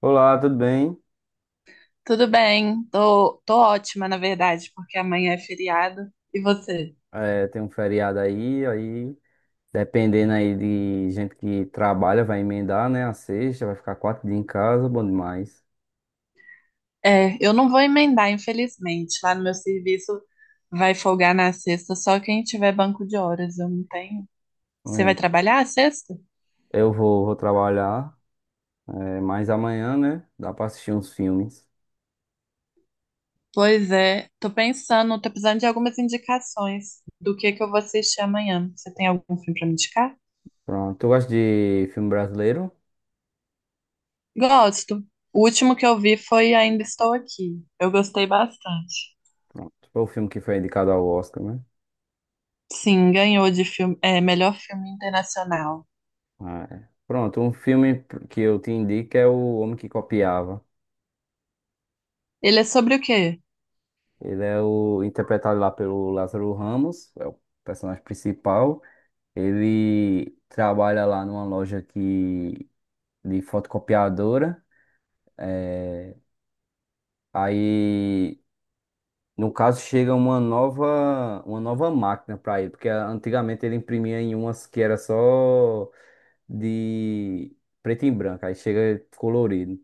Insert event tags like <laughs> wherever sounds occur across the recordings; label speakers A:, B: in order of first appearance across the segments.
A: Olá, tudo bem?
B: Tudo bem, tô ótima, na verdade, porque amanhã é feriado. E você?
A: É, tem um feriado aí dependendo aí de gente que trabalha, vai emendar, né? A sexta, vai ficar quatro dias em casa, bom demais.
B: É, eu não vou emendar, infelizmente. Lá no meu serviço vai folgar na sexta, só quem tiver banco de horas, eu não tenho. Você vai
A: É,
B: trabalhar a sexta?
A: eu vou trabalhar, é, mas amanhã, né? Dá pra assistir uns filmes.
B: Pois é, tô pensando, tô precisando de algumas indicações do que eu vou assistir amanhã. Você tem algum filme pra me indicar?
A: Pronto. Tu gosta de filme brasileiro?
B: Gosto. O último que eu vi foi Ainda Estou Aqui. Eu gostei bastante.
A: Pronto. Foi o filme que foi indicado ao Oscar, né?
B: Sim, ganhou de filme, é, melhor filme internacional.
A: Ah, é. Pronto, um filme que eu te indico é O Homem que Copiava.
B: Ele é sobre o quê?
A: Ele é o interpretado lá pelo Lázaro Ramos, é o personagem principal. Ele trabalha lá numa loja que, de fotocopiadora. eh, Aí, no caso, chega uma nova máquina para ele, porque antigamente ele imprimia em umas que era só de preto e branco, aí chega colorido.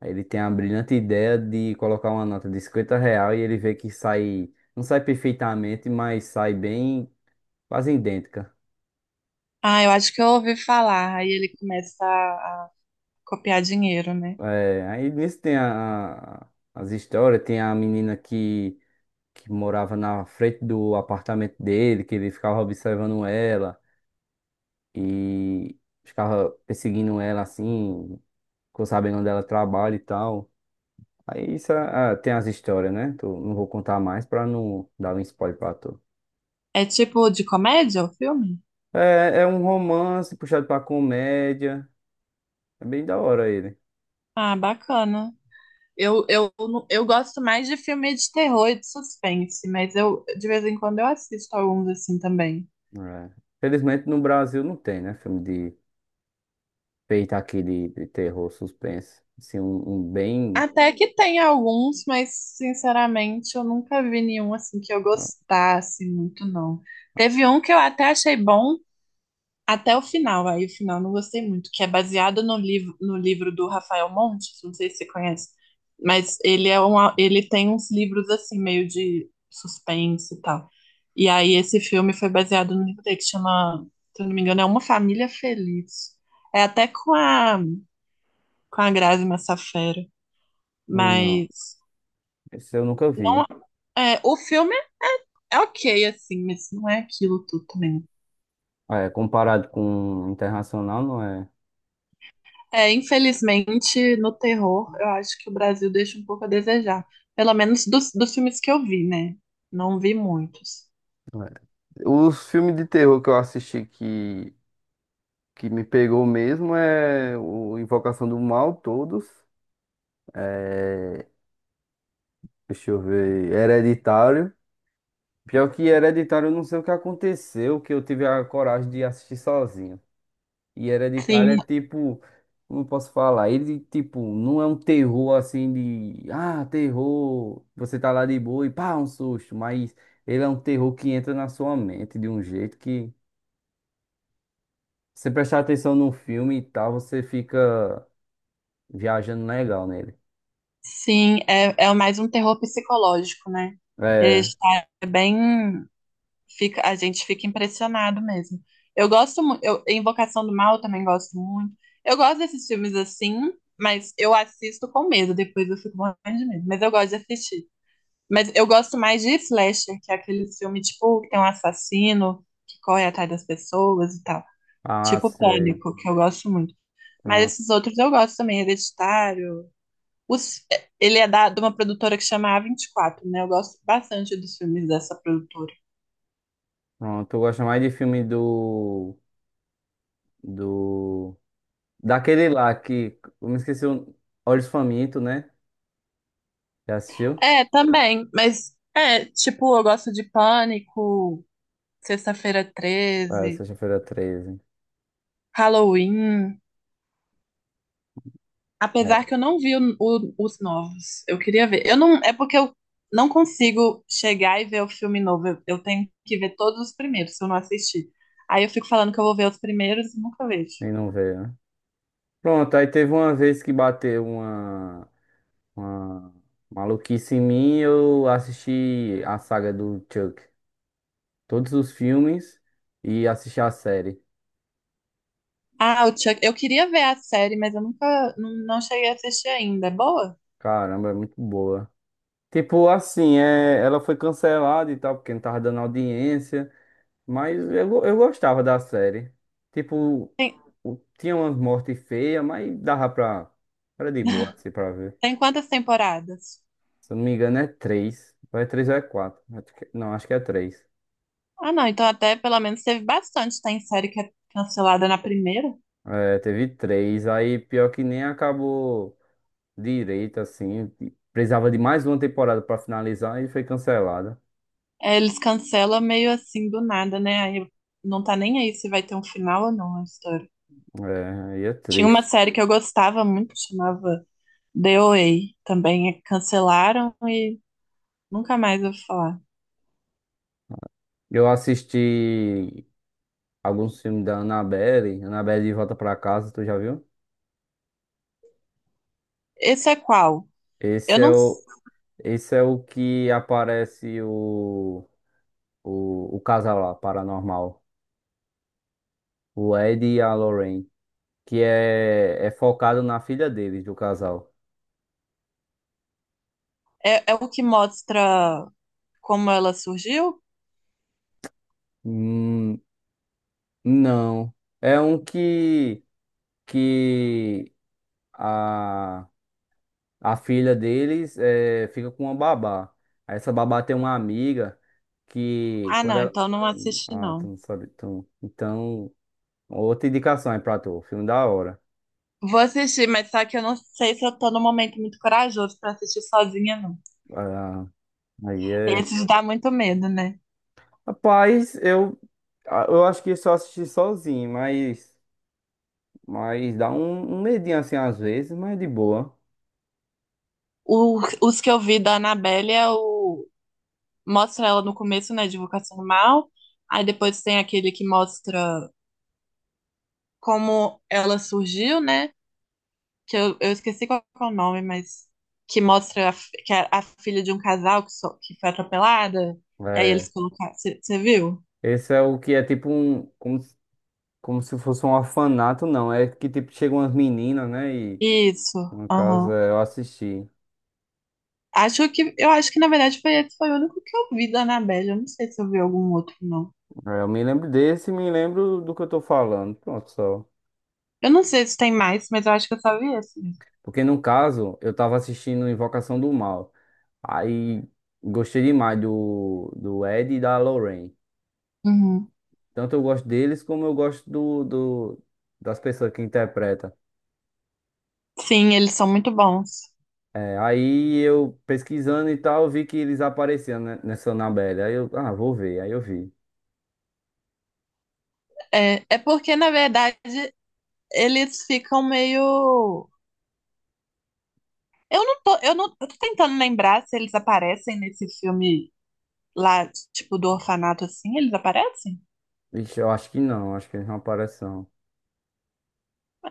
A: Aí ele tem a brilhante ideia de colocar uma nota de 50 real e ele vê que sai, não sai perfeitamente, mas sai bem, quase idêntica.
B: Ah, eu acho que eu ouvi falar. Aí ele começa a copiar dinheiro, né?
A: É, aí nisso tem as histórias, tem a menina que morava na frente do apartamento dele, que ele ficava observando ela e ficava perseguindo ela assim, ficou sabendo onde ela trabalha e tal. Aí isso tem as histórias, né? Não vou contar mais pra não dar um spoiler pra tu.
B: É tipo de comédia o filme?
A: É um romance puxado pra comédia, é bem da hora ele.
B: Ah, bacana. Eu, não- eu gosto mais de filme de terror e de suspense, mas eu de vez em quando eu assisto alguns assim também.
A: É. Felizmente no Brasil não tem, né? Filme feita aqui de terror, suspense. Assim, um bem.
B: Até que tem alguns, mas sinceramente eu nunca vi nenhum assim que eu gostasse muito, não. Teve um que eu até achei bom, até o final, aí o final não gostei muito, que é baseado no livro, no livro do Rafael Montes, não sei se você conhece, mas ele é um, ele tem uns livros assim, meio de suspense e tal. E aí esse filme foi baseado no livro dele, que chama, se eu não me engano, é Uma Família Feliz. É até com a Grazi Massafera, mas
A: Não, esse eu nunca vi.
B: é, o filme é, é ok, assim, mas não é aquilo tudo também.
A: É, comparado com internacional, não é?
B: É, infelizmente, no terror, eu acho que o Brasil deixa um pouco a desejar. Pelo menos dos filmes que eu vi, né? Não vi muitos.
A: Não. É. Os filmes de terror que eu assisti que me pegou mesmo é o Invocação do Mal, todos. É, deixa eu ver. Hereditário. Pior que Hereditário, eu não sei o que aconteceu, que eu tive a coragem de assistir sozinho. E Hereditário
B: Sim,
A: é tipo, como posso falar? Ele, tipo, não é um terror assim de, terror, você tá lá de boa e pá, um susto, mas ele é um terror que entra na sua mente de um jeito que, se você prestar atenção no filme e tal, você fica viajando legal nele.
B: sim, é mais um terror psicológico, né? Ele
A: É,
B: já é bem. Fica, a gente fica impressionado mesmo. Eu gosto muito. Eu, Invocação do Mal eu também gosto muito. Eu gosto desses filmes assim, mas eu assisto com medo. Depois eu fico morrendo de medo. Mas eu gosto de assistir. Mas eu gosto mais de Slasher, que é aquele filme, tipo, que tem um assassino que corre atrás das pessoas e tal. Tipo
A: sei.
B: Pânico, que eu gosto muito. Mas
A: Pronto,
B: esses outros eu gosto também, Hereditário. Os- ele é da, de uma produtora que chama A24, né? Eu gosto bastante dos filmes dessa produtora.
A: pronto. Eu gosto mais de filme do, daquele lá que, eu me esqueci, o Olhos Famintos, né? Já assistiu?
B: É, também, mas é, tipo, eu gosto de Pânico, Sexta-feira
A: Ah,
B: 13,
A: sexta-feira 13.
B: Halloween. Apesar que eu não vi os novos. Eu queria ver. Eu não, é porque eu não consigo chegar e ver o filme novo. Eu tenho que ver todos os primeiros, se eu não assistir. Aí eu fico falando que eu vou ver os primeiros e nunca vejo.
A: Nem não veio, né? Pronto, aí teve uma vez que bateu uma maluquice em mim, eu assisti a saga do Chuck, todos os filmes e assisti a série.
B: Ah, o Chuck, eu queria ver a série, mas eu nunca, não, não cheguei a assistir ainda. É boa?
A: Caramba, é muito boa. Tipo assim, é, ela foi cancelada e tal, porque não tava dando audiência, mas eu gostava da série. Tipo,
B: Tem,
A: tinha umas mortes feias, mas dava pra. Era de boa, assim, pra ver.
B: tem quantas temporadas?
A: Se eu não me engano, é três. Ou é três ou é quatro. Não, acho que é três.
B: Ah, não, então até pelo menos teve bastante. Tem série que é cancelada na primeira.
A: É, teve três, aí pior que nem acabou direito, assim. Precisava de mais uma temporada pra finalizar e foi cancelada.
B: É, eles cancelam meio assim do nada, né? Aí não tá nem aí se vai ter um final ou não a história.
A: É, aí é
B: Tinha uma
A: triste.
B: série que eu gostava muito, chamava DOA. Também cancelaram e nunca mais eu ouvi falar.
A: Eu assisti alguns filmes da Annabelle, Annabelle de Volta pra Casa, tu já viu?
B: Esse é qual? Eu
A: Esse é
B: não.
A: o, esse é o que aparece o, o casal lá, paranormal, o Ed e a Lorraine, que é focado na filha deles, do casal.
B: É, é o que mostra como ela surgiu?
A: Hum, não. É um que. Que a, a filha deles fica com uma babá. Aí essa babá tem uma amiga que
B: Ah,
A: quando
B: não,
A: ela.
B: então não assisti,
A: Ah, tu
B: não.
A: não sabe. Tu... Então, outra indicação aí pra tu. Filme da hora.
B: Vou assistir, mas só que eu não sei se eu tô num momento muito corajoso pra assistir sozinha, não.
A: Ah, aí é.
B: Esses dá muito medo, né?
A: Rapaz, eu acho que só assisti sozinho, mas, dá um medinho assim às vezes, mas de boa.
B: Os que eu vi da Annabelle é o. Mostra ela no começo, né? Divulgação do mal. Aí depois tem aquele que mostra como ela surgiu, né? Que eu esqueci qual é o nome, mas que mostra a, que é a filha de um casal que, que foi atropelada. E aí eles
A: É.
B: colocaram. Você viu?
A: Esse é o que é tipo um, como se fosse um orfanato, não. É que tipo, chegam umas meninas, né? E
B: Isso.
A: no caso
B: Aham.
A: é, eu assisti.
B: Acho que eu acho que na verdade foi esse foi o único que eu vi da Annabelle. Eu não sei se eu vi algum outro, não.
A: É, eu me lembro desse e me lembro do que eu tô falando. Pronto, só.
B: Eu não sei se tem mais, mas eu acho que eu só vi esse mesmo.
A: Porque no caso, eu tava assistindo Invocação do Mal. Aí gostei demais do Ed e da Lorraine.
B: Uhum.
A: Tanto eu gosto deles como eu gosto das pessoas que interpretam.
B: Sim, eles são muito bons.
A: É, aí eu pesquisando e tal, vi que eles apareciam, né, nessa Annabelle. Aí eu, vou ver. Aí eu vi.
B: É, é porque, na verdade, eles ficam meio. Eu não tô, eu não, eu tô tentando lembrar se eles aparecem nesse filme lá, tipo, do orfanato assim, eles aparecem?
A: Vixe, eu acho que não, acho que eles não aparecem não.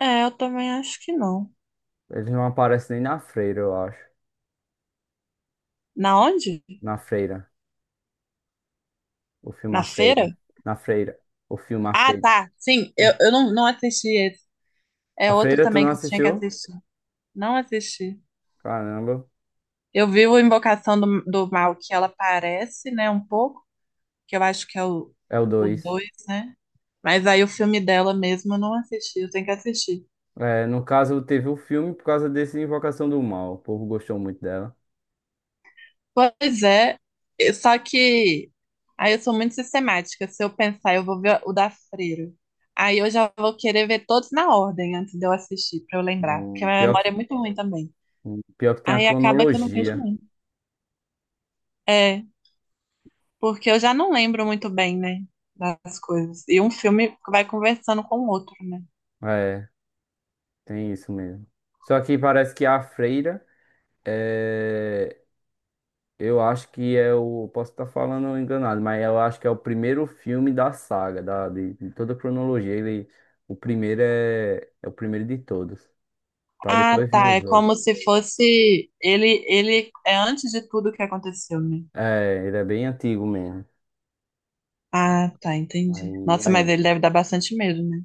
B: É, eu também acho que não.
A: Eles não aparecem nem na freira, eu acho.
B: Na onde?
A: Na freira. O filme
B: Na
A: A
B: feira?
A: Freira. Na freira. O filme A
B: Ah,
A: Freira.
B: tá. Sim, eu não, não assisti esse. É
A: A
B: outro
A: Freira, tu
B: também
A: não
B: que eu tinha que
A: assistiu?
B: assistir. Não assisti.
A: Caramba.
B: Eu vi o Invocação do Mal, que ela aparece, né, um pouco, que eu acho que é
A: É o
B: o
A: dois.
B: dois, né? Mas aí o filme dela mesmo eu não assisti, eu tenho que assistir.
A: É, no caso, teve o filme por causa desse Invocação do Mal. O povo gostou muito dela.
B: Pois é, só que aí eu sou muito sistemática. Se eu pensar, eu vou ver o da Freira. Aí eu já vou querer ver todos na ordem antes de eu assistir, pra eu lembrar. Porque a minha
A: Pior que,
B: memória é muito ruim também.
A: tem a
B: Aí acaba que eu não vejo
A: cronologia.
B: muito. É, porque eu já não lembro muito bem, né? Das coisas. E um filme vai conversando com o outro, né?
A: É, tem isso mesmo. Só que parece que a Freira. é, Eu acho que é o. Posso estar falando enganado, mas eu acho que é o primeiro filme da saga, de toda a cronologia. Ele, o primeiro é o primeiro de todos. Pra
B: Ah,
A: depois vir
B: tá. É
A: os outros.
B: como se fosse. Ele é antes de tudo que aconteceu, né?
A: É, ele é bem antigo mesmo.
B: Ah, tá, entendi.
A: Aí,
B: Nossa,
A: vai
B: mas
A: indo.
B: ele deve dar bastante medo, né?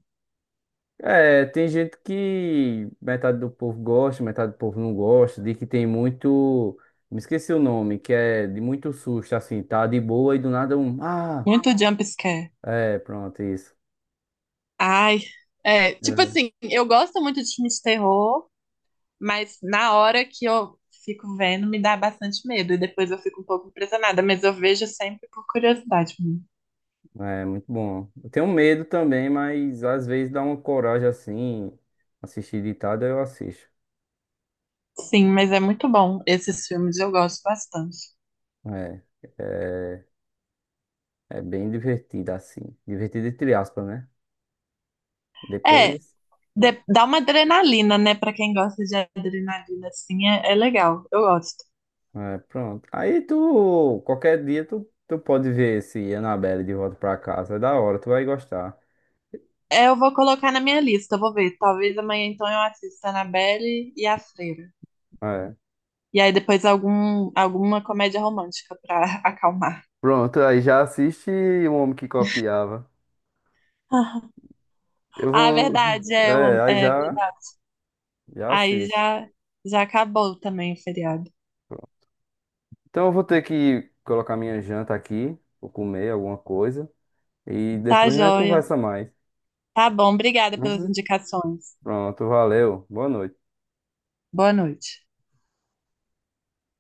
A: É, tem gente que metade do povo gosta, metade do povo não gosta, de que tem muito. Me esqueci o nome, que é de muito susto, assim, tá de boa e do nada um. Ah!
B: Muito jump scare.
A: É, pronto, isso.
B: Ai, é, tipo
A: É.
B: assim, eu gosto muito de filme de terror, mas na hora que eu fico vendo me dá bastante medo e depois eu fico um pouco impressionada, mas eu vejo sempre por curiosidade mesmo.
A: É muito bom. Eu tenho medo também, mas às vezes dá uma coragem assim. Assistir ditado eu assisto.
B: Sim, mas é muito bom. Esses filmes eu gosto bastante.
A: É, é, é bem divertido assim. Divertido entre aspas, né?
B: É,
A: Depois,
B: dá uma adrenalina, né? Pra quem gosta de adrenalina, assim, é, é legal. Eu gosto.
A: é, pronto. Aí tu, qualquer dia tu, pode ver esse Annabelle de volta pra casa. É da hora, tu vai gostar.
B: É, eu vou colocar na minha lista, eu vou ver. Talvez amanhã então eu assista Annabelle e A Freira.
A: É.
B: E aí depois algum, alguma comédia romântica pra <laughs> acalmar.
A: Pronto, aí já assiste O Homem que Copiava.
B: Ah,
A: Eu
B: é
A: vou. <laughs>
B: verdade, é,
A: É, aí
B: é
A: já,
B: verdade.
A: já
B: Aí
A: assiste.
B: já, já acabou também o feriado.
A: Então eu vou ter que colocar minha janta aqui, vou comer alguma coisa e
B: Tá
A: depois a gente
B: joia.
A: conversa mais.
B: Tá bom, obrigada pelas
A: Uhum.
B: indicações.
A: Pronto, valeu. Boa noite.
B: Boa noite.